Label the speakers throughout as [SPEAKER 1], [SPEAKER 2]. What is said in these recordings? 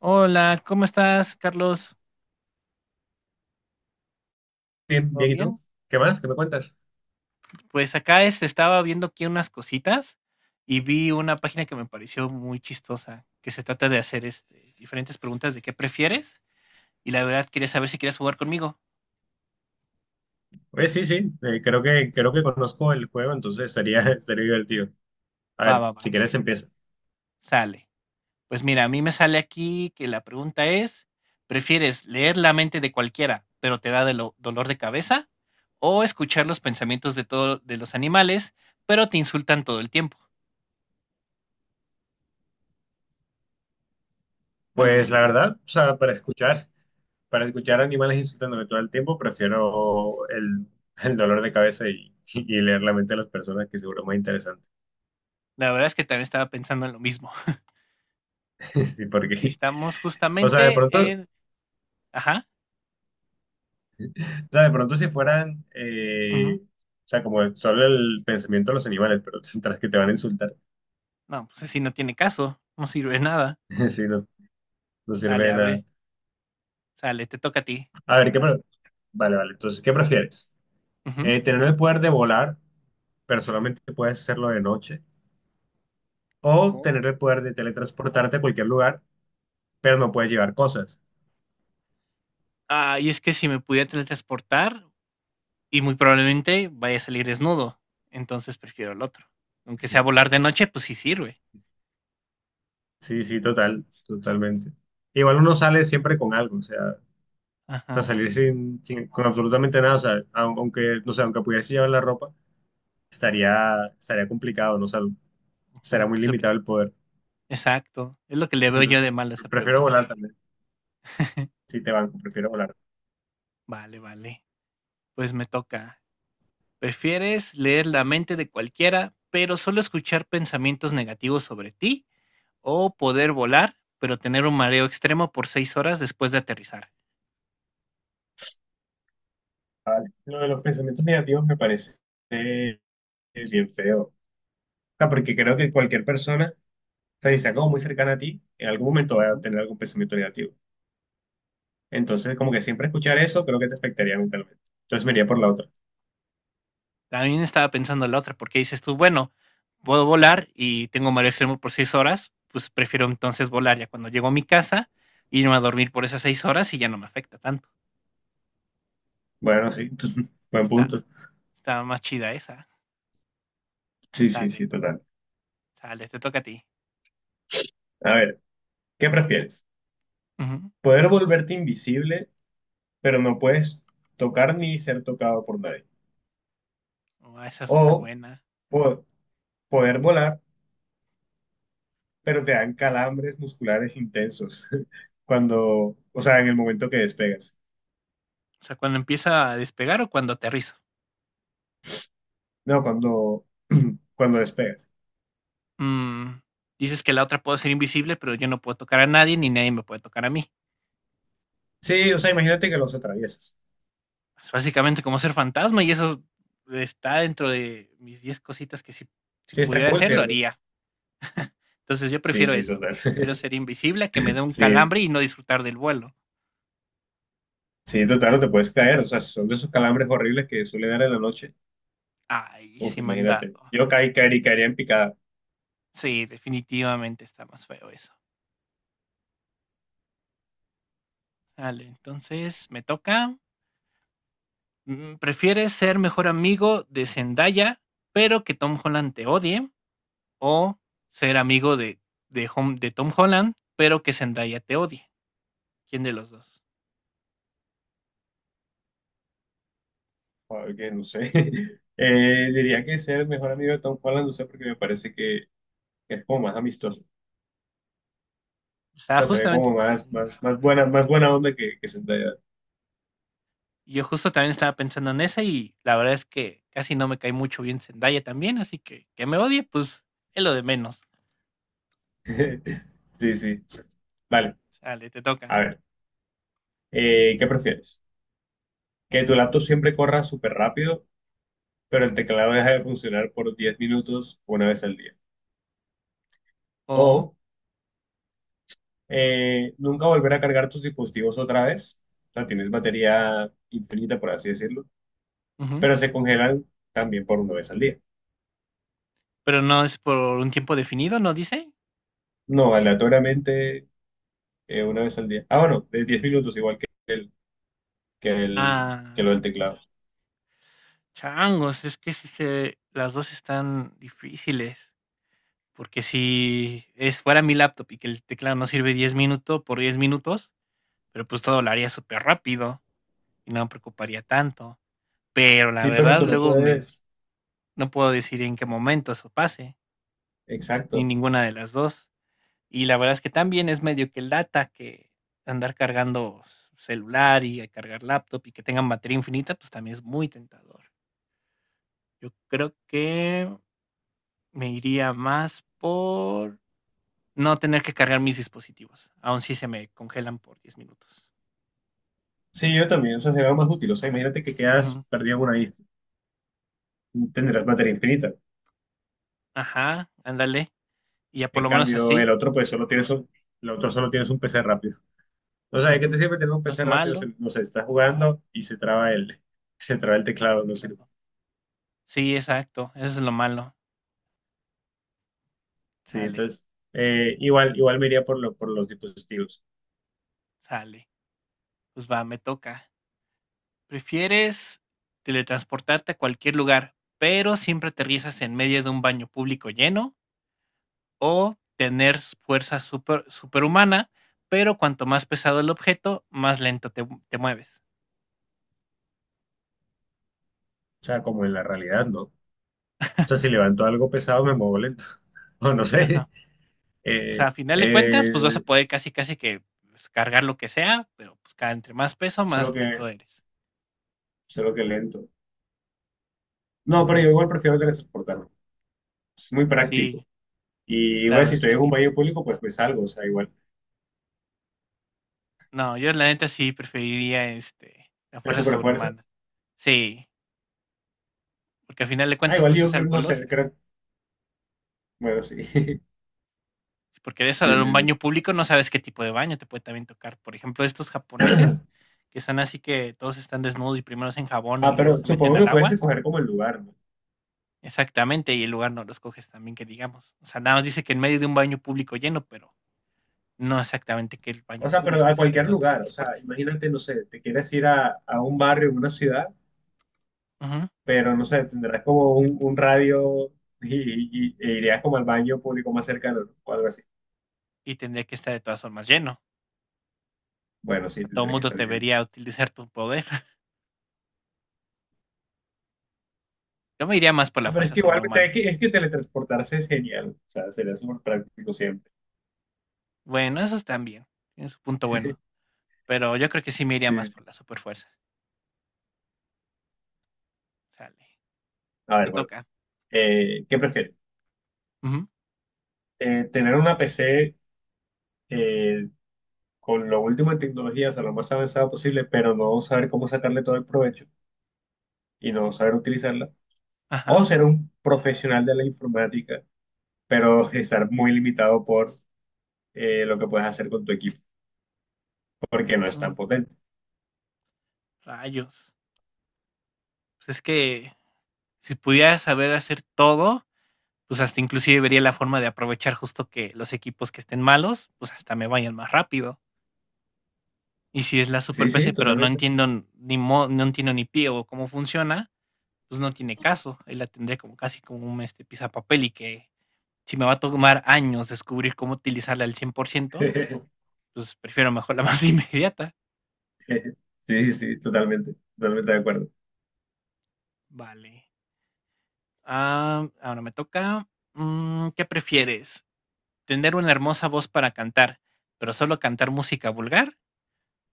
[SPEAKER 1] Hola, ¿cómo estás, Carlos?
[SPEAKER 2] Bien,
[SPEAKER 1] ¿Todo
[SPEAKER 2] bien, ¿y tú?
[SPEAKER 1] bien?
[SPEAKER 2] ¿Qué más? ¿Qué me cuentas?
[SPEAKER 1] Pues acá estaba viendo aquí unas cositas y vi una página que me pareció muy chistosa, que se trata de hacer diferentes preguntas de qué prefieres y la verdad quería saber si quieres jugar conmigo.
[SPEAKER 2] Oye, sí, sí, creo que conozco el juego, entonces estaría divertido. A
[SPEAKER 1] Va,
[SPEAKER 2] ver,
[SPEAKER 1] va,
[SPEAKER 2] si
[SPEAKER 1] va,
[SPEAKER 2] quieres empieza.
[SPEAKER 1] sale. Pues mira, a mí me sale aquí que la pregunta es, ¿prefieres leer la mente de cualquiera, pero te da dolor de cabeza? ¿O escuchar los pensamientos de de los animales, pero te insultan todo el tiempo? ¿Cuál
[SPEAKER 2] Pues la
[SPEAKER 1] elegirías?
[SPEAKER 2] verdad, o sea, para escuchar animales insultándome todo el tiempo, prefiero el dolor de cabeza y, y leer la mente de las personas, que seguro es más interesante.
[SPEAKER 1] La verdad es que también estaba pensando en lo mismo.
[SPEAKER 2] Sí,
[SPEAKER 1] Y
[SPEAKER 2] porque,
[SPEAKER 1] estamos
[SPEAKER 2] o sea, de
[SPEAKER 1] justamente
[SPEAKER 2] pronto, o
[SPEAKER 1] en. Ajá.
[SPEAKER 2] sea, de pronto si fueran,
[SPEAKER 1] Ujú.
[SPEAKER 2] o sea, como solo el pensamiento de los animales, pero tras que te van a insultar,
[SPEAKER 1] No, pues así no tiene caso. No sirve de nada.
[SPEAKER 2] sí, no, no sirve
[SPEAKER 1] Sale,
[SPEAKER 2] de
[SPEAKER 1] a
[SPEAKER 2] nada.
[SPEAKER 1] ver. Sale, te toca a ti.
[SPEAKER 2] A ver, Vale, vale. Entonces, ¿qué prefieres?
[SPEAKER 1] Ujú.
[SPEAKER 2] ¿Tener el poder de volar, pero solamente puedes hacerlo de noche? ¿O
[SPEAKER 1] ¿No?
[SPEAKER 2] tener el poder de teletransportarte a cualquier lugar, pero no puedes llevar cosas?
[SPEAKER 1] Ah, y es que si me pudiera teletransportar, y muy probablemente vaya a salir desnudo. Entonces prefiero el otro. Aunque sea volar de noche, pues sí sirve.
[SPEAKER 2] Sí, sí, total, totalmente. Igual uno sale siempre con algo, o sea,
[SPEAKER 1] Ajá.
[SPEAKER 2] salir con absolutamente nada, o sea, aunque, no sé, aunque pudiese llevar la ropa, estaría complicado, no sé, será
[SPEAKER 1] Ujú.
[SPEAKER 2] muy
[SPEAKER 1] Y sobre-
[SPEAKER 2] limitado el poder.
[SPEAKER 1] exacto. Es lo que le veo yo de
[SPEAKER 2] Entonces,
[SPEAKER 1] mal a esa
[SPEAKER 2] prefiero
[SPEAKER 1] pregunta.
[SPEAKER 2] volar también, si te banco, prefiero volar.
[SPEAKER 1] Vale, vale. Pues me toca. ¿Prefieres leer la mente de cualquiera, pero solo escuchar pensamientos negativos sobre ti? ¿O poder volar, pero tener un mareo extremo por 6 horas después de aterrizar?
[SPEAKER 2] Vale. Lo de los pensamientos negativos me parece. Es bien feo. O sea, porque creo que cualquier persona, o sea, si está como muy cercana a ti, en algún momento va a
[SPEAKER 1] Ujú.
[SPEAKER 2] tener algún pensamiento negativo. Entonces, como que siempre escuchar eso, creo que te afectaría mentalmente. Entonces me iría por la otra.
[SPEAKER 1] También estaba pensando en la otra, porque dices tú, bueno, puedo volar y tengo mareo extremo por 6 horas, pues prefiero entonces volar ya cuando llego a mi casa, irme a dormir por esas 6 horas y ya no me afecta tanto.
[SPEAKER 2] Bueno, sí, buen
[SPEAKER 1] Está,
[SPEAKER 2] punto.
[SPEAKER 1] está más chida esa.
[SPEAKER 2] Sí, sí,
[SPEAKER 1] Sale,
[SPEAKER 2] sí, total.
[SPEAKER 1] sale, te toca a ti.
[SPEAKER 2] A ver, ¿qué prefieres?
[SPEAKER 1] Ujú.
[SPEAKER 2] ¿Poder volverte invisible, pero no puedes tocar ni ser tocado por nadie?
[SPEAKER 1] Ah, esa fue una
[SPEAKER 2] ¿O
[SPEAKER 1] buena.
[SPEAKER 2] po- poder volar, pero te dan calambres musculares intensos cuando, o sea, en el momento que despegas?
[SPEAKER 1] O sea, ¿cuando empieza a despegar o cuando aterriza?
[SPEAKER 2] No, cuando, cuando despegas.
[SPEAKER 1] Mm, dices que la otra puede ser invisible, pero yo no puedo tocar a nadie ni nadie me puede tocar a mí.
[SPEAKER 2] Sí, o sea, imagínate que los atraviesas.
[SPEAKER 1] Es básicamente como ser fantasma y eso está dentro de mis 10 cositas que si
[SPEAKER 2] Sí, está
[SPEAKER 1] pudiera
[SPEAKER 2] cool,
[SPEAKER 1] hacer lo
[SPEAKER 2] ¿cierto?
[SPEAKER 1] haría. Entonces yo
[SPEAKER 2] Sí,
[SPEAKER 1] prefiero
[SPEAKER 2] sí,
[SPEAKER 1] eso.
[SPEAKER 2] total.
[SPEAKER 1] Prefiero ser invisible, que me dé un
[SPEAKER 2] Sí,
[SPEAKER 1] calambre y no disfrutar del vuelo.
[SPEAKER 2] sí, total, no te puedes caer. O sea, si son de esos calambres horribles que suele dar en la noche.
[SPEAKER 1] Ay,
[SPEAKER 2] Uf,
[SPEAKER 1] sí me han
[SPEAKER 2] imagínate.
[SPEAKER 1] dado.
[SPEAKER 2] Yo caería, caería en picada.
[SPEAKER 1] Sí, definitivamente está más feo eso. Vale, entonces me toca. ¿Prefieres ser mejor amigo de Zendaya, pero que Tom Holland te odie? O ser amigo de Tom Holland, pero que Zendaya te odie. ¿Quién de los dos?
[SPEAKER 2] Joder, que no sé. Diría que ser el mejor amigo de Tom Holland, no sé, porque me parece que es como más amistoso. O
[SPEAKER 1] Estaba
[SPEAKER 2] sea, se ve
[SPEAKER 1] justamente.
[SPEAKER 2] como más,
[SPEAKER 1] Tam-
[SPEAKER 2] más buena onda que Zendaya.
[SPEAKER 1] yo justo también estaba pensando en esa y la verdad es que casi no me cae mucho bien Zendaya también, así que me odie, pues es lo de menos.
[SPEAKER 2] Sí, sí. Vale,
[SPEAKER 1] Sale, te
[SPEAKER 2] a
[SPEAKER 1] toca.
[SPEAKER 2] ver. ¿Qué prefieres? Que tu laptop siempre corra súper rápido, pero el teclado deja de funcionar por 10 minutos una vez al día.
[SPEAKER 1] O.
[SPEAKER 2] O nunca volver a cargar tus dispositivos otra vez. O sea, tienes batería infinita, por así decirlo,
[SPEAKER 1] Ujú.
[SPEAKER 2] pero se congelan también por una vez al día.
[SPEAKER 1] ¿Pero no es por un tiempo definido, no dice?
[SPEAKER 2] No, aleatoriamente una vez al día. Ah, bueno, de 10 minutos igual que el, que lo
[SPEAKER 1] Ah,
[SPEAKER 2] del teclado.
[SPEAKER 1] changos, es que si se, las dos están difíciles. Porque si es fuera mi laptop y que el teclado no sirve 10 minutos por 10 minutos, pero pues todo lo haría súper rápido y no me preocuparía tanto. Pero la
[SPEAKER 2] Sí, pero
[SPEAKER 1] verdad,
[SPEAKER 2] tú lo puedes.
[SPEAKER 1] no puedo decir en qué momento eso pase, ni
[SPEAKER 2] Exacto.
[SPEAKER 1] ninguna de las dos. Y la verdad es que también es medio que lata que andar cargando celular y cargar laptop y que tengan batería infinita, pues también es muy tentador. Yo creo que me iría más por no tener que cargar mis dispositivos, aun si se me congelan por 10 minutos.
[SPEAKER 2] Sí, yo también, o sea, sería más útil. O sea, imagínate que quedas
[SPEAKER 1] Ujú.
[SPEAKER 2] perdido en una isla, tendrás batería infinita.
[SPEAKER 1] Ajá, ándale. Y ya por
[SPEAKER 2] En
[SPEAKER 1] lo menos
[SPEAKER 2] cambio, el
[SPEAKER 1] así,
[SPEAKER 2] otro, pues solo tienes el otro solo tienes un PC rápido. O sea, ¿de qué te
[SPEAKER 1] ujú.
[SPEAKER 2] sirve tener un
[SPEAKER 1] No es
[SPEAKER 2] PC rápido? Si,
[SPEAKER 1] malo,
[SPEAKER 2] no sé, estás jugando y se traba se traba el teclado, no sirve.
[SPEAKER 1] teclado. Sí, exacto, eso es lo malo.
[SPEAKER 2] Sí,
[SPEAKER 1] Sale,
[SPEAKER 2] entonces, igual me iría por los dispositivos.
[SPEAKER 1] sale. Pues va, me toca. ¿Prefieres teletransportarte a cualquier lugar, pero siempre aterrizas en medio de un baño público lleno? ¿O tener fuerza superhumana, pero cuanto más pesado el objeto, más lento te mueves?
[SPEAKER 2] O sea, como en la realidad, ¿no? O sea, si levanto algo pesado, me muevo lento. O no sé.
[SPEAKER 1] Ajá. O sea,
[SPEAKER 2] Eh,
[SPEAKER 1] a final de cuentas, pues vas a
[SPEAKER 2] eh,
[SPEAKER 1] poder casi que pues, cargar lo que sea, pero pues cada entre más peso,
[SPEAKER 2] solo
[SPEAKER 1] más
[SPEAKER 2] que,
[SPEAKER 1] lento eres.
[SPEAKER 2] solo que lento. No, pero yo
[SPEAKER 1] Ujú.
[SPEAKER 2] igual prefiero teletransportarme. Es muy práctico.
[SPEAKER 1] Sí,
[SPEAKER 2] Y
[SPEAKER 1] la
[SPEAKER 2] bueno, si
[SPEAKER 1] verdad
[SPEAKER 2] estoy
[SPEAKER 1] que
[SPEAKER 2] en un
[SPEAKER 1] sí.
[SPEAKER 2] baño público, pues me salgo, o sea, igual.
[SPEAKER 1] No, yo la neta sí preferiría, este, la
[SPEAKER 2] La
[SPEAKER 1] fuerza
[SPEAKER 2] superfuerza.
[SPEAKER 1] sobrehumana. Sí, porque al final de
[SPEAKER 2] Ah,
[SPEAKER 1] cuentas,
[SPEAKER 2] igual
[SPEAKER 1] pues
[SPEAKER 2] yo
[SPEAKER 1] es algo
[SPEAKER 2] no sé,
[SPEAKER 1] lógico.
[SPEAKER 2] creo. Bueno, sí.
[SPEAKER 1] Si porque eres
[SPEAKER 2] Sí,
[SPEAKER 1] a un
[SPEAKER 2] sí,
[SPEAKER 1] baño
[SPEAKER 2] sí.
[SPEAKER 1] público, no sabes qué tipo de baño te puede también tocar. Por ejemplo, estos japoneses, que son así que todos están desnudos y primero se enjabonan
[SPEAKER 2] Ah,
[SPEAKER 1] y luego
[SPEAKER 2] pero
[SPEAKER 1] se meten
[SPEAKER 2] supongo que
[SPEAKER 1] al
[SPEAKER 2] puedes
[SPEAKER 1] agua.
[SPEAKER 2] escoger como el lugar, ¿no?
[SPEAKER 1] Exactamente, y el lugar no los coges también, que digamos. O sea, nada más dice que en medio de un baño público lleno, pero no exactamente que el
[SPEAKER 2] O
[SPEAKER 1] baño
[SPEAKER 2] sea, pero
[SPEAKER 1] público, o
[SPEAKER 2] a
[SPEAKER 1] sea, que es
[SPEAKER 2] cualquier
[SPEAKER 1] donde te
[SPEAKER 2] lugar. O sea,
[SPEAKER 1] transportes.
[SPEAKER 2] imagínate, no sé, te quieres ir a un barrio, una ciudad,
[SPEAKER 1] Ujú.
[SPEAKER 2] pero no sé, tendrás como un radio e irías como al baño público más cercano, ¿no? O algo así.
[SPEAKER 1] Y tendría que estar de todas formas lleno. O
[SPEAKER 2] Bueno, sí,
[SPEAKER 1] sea, todo el
[SPEAKER 2] tendría que
[SPEAKER 1] mundo
[SPEAKER 2] estar lleno.
[SPEAKER 1] debería utilizar tu poder. Yo me iría más por la
[SPEAKER 2] Ah, pero es
[SPEAKER 1] fuerza
[SPEAKER 2] que igual
[SPEAKER 1] sobrehumana.
[SPEAKER 2] es que teletransportarse es genial. O sea, sería súper práctico siempre.
[SPEAKER 1] Bueno, esos bien, tienen su punto bueno. Pero yo creo que sí me iría más
[SPEAKER 2] Sí, sí.
[SPEAKER 1] por la superfuerza. Sale.
[SPEAKER 2] A ver,
[SPEAKER 1] Te
[SPEAKER 2] bueno.
[SPEAKER 1] toca.
[SPEAKER 2] ¿Qué prefieres?
[SPEAKER 1] Ujú.
[SPEAKER 2] ¿Tener una PC eh, con lo último en tecnología, o sea, lo más avanzada posible, pero no saber cómo sacarle todo el provecho y no saber utilizarla, o
[SPEAKER 1] Ajá.
[SPEAKER 2] ser un profesional de la informática, pero estar muy limitado por lo que puedes hacer con tu equipo, porque no es
[SPEAKER 1] Mm,
[SPEAKER 2] tan potente?
[SPEAKER 1] rayos. Pues es que si pudiera saber hacer todo, pues hasta inclusive vería la forma de aprovechar justo que los equipos que estén malos, pues hasta me vayan más rápido. Y si es la
[SPEAKER 2] Sí,
[SPEAKER 1] super PC,
[SPEAKER 2] sí,
[SPEAKER 1] pero no
[SPEAKER 2] totalmente.
[SPEAKER 1] entiendo n- ni mo- no entiendo ni pie o cómo funciona, pues no tiene caso. Ahí la tendría como casi como un papel y que si me va a tomar años descubrir cómo utilizarla al 100%, pues prefiero mejor la más inmediata.
[SPEAKER 2] Sí, sí, totalmente, totalmente de acuerdo.
[SPEAKER 1] Vale. Ah, ahora me toca. ¿Qué prefieres? ¿Tener una hermosa voz para cantar, pero solo cantar música vulgar?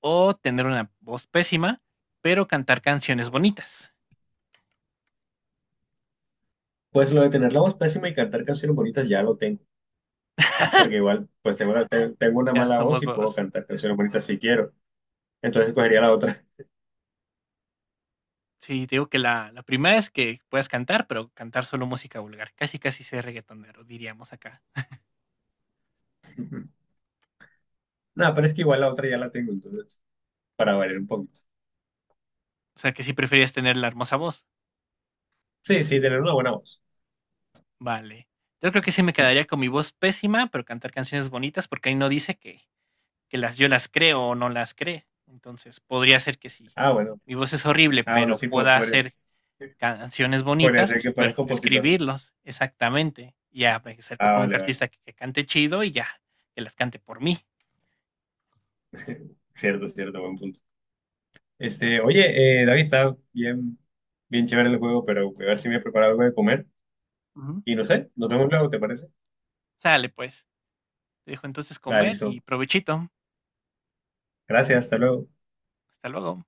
[SPEAKER 1] ¿O tener una voz pésima, pero cantar canciones bonitas?
[SPEAKER 2] Pues lo de tener la voz pésima y cantar canciones bonitas ya lo tengo, porque igual, pues tengo, tengo una
[SPEAKER 1] Ya
[SPEAKER 2] mala voz
[SPEAKER 1] somos
[SPEAKER 2] y puedo
[SPEAKER 1] dos.
[SPEAKER 2] cantar canciones bonitas si quiero, entonces cogería la otra.
[SPEAKER 1] Sí, te digo que la primera es que puedas cantar, pero cantar solo música vulgar. Casi, casi ser reggaetonero, diríamos acá.
[SPEAKER 2] No, pero es que igual la otra ya la tengo, entonces. Para variar un poquito.
[SPEAKER 1] O sea, que sí prefieres tener la hermosa voz.
[SPEAKER 2] Sí, sí, tener una buena voz.
[SPEAKER 1] Vale. Yo creo que sí me quedaría con mi voz pésima, pero cantar canciones bonitas, porque ahí no dice que las yo las creo o no las cree. Entonces, podría ser que sí.
[SPEAKER 2] Ah, bueno.
[SPEAKER 1] Mi voz es horrible,
[SPEAKER 2] Ah, bueno,
[SPEAKER 1] pero
[SPEAKER 2] sí,
[SPEAKER 1] pueda hacer canciones
[SPEAKER 2] podría
[SPEAKER 1] bonitas,
[SPEAKER 2] ser
[SPEAKER 1] pues
[SPEAKER 2] que
[SPEAKER 1] bueno,
[SPEAKER 2] parezca compositor.
[SPEAKER 1] escribirlos, exactamente. Y ya me acerco
[SPEAKER 2] Ah,
[SPEAKER 1] con un
[SPEAKER 2] vale, vale.
[SPEAKER 1] artista que cante chido y ya, que las cante por mí.
[SPEAKER 2] Cierto, cierto, buen punto. Este,
[SPEAKER 1] Sale.
[SPEAKER 2] oye, David, está bien, bien chévere el juego, pero voy a ver si me he preparado algo de comer.
[SPEAKER 1] Ujú.
[SPEAKER 2] Y no sé, nos vemos luego, ¿te parece?
[SPEAKER 1] Sale, pues. Te dejo entonces
[SPEAKER 2] Vale,
[SPEAKER 1] comer
[SPEAKER 2] listo.
[SPEAKER 1] y provechito.
[SPEAKER 2] Gracias, hasta luego.
[SPEAKER 1] Hasta luego.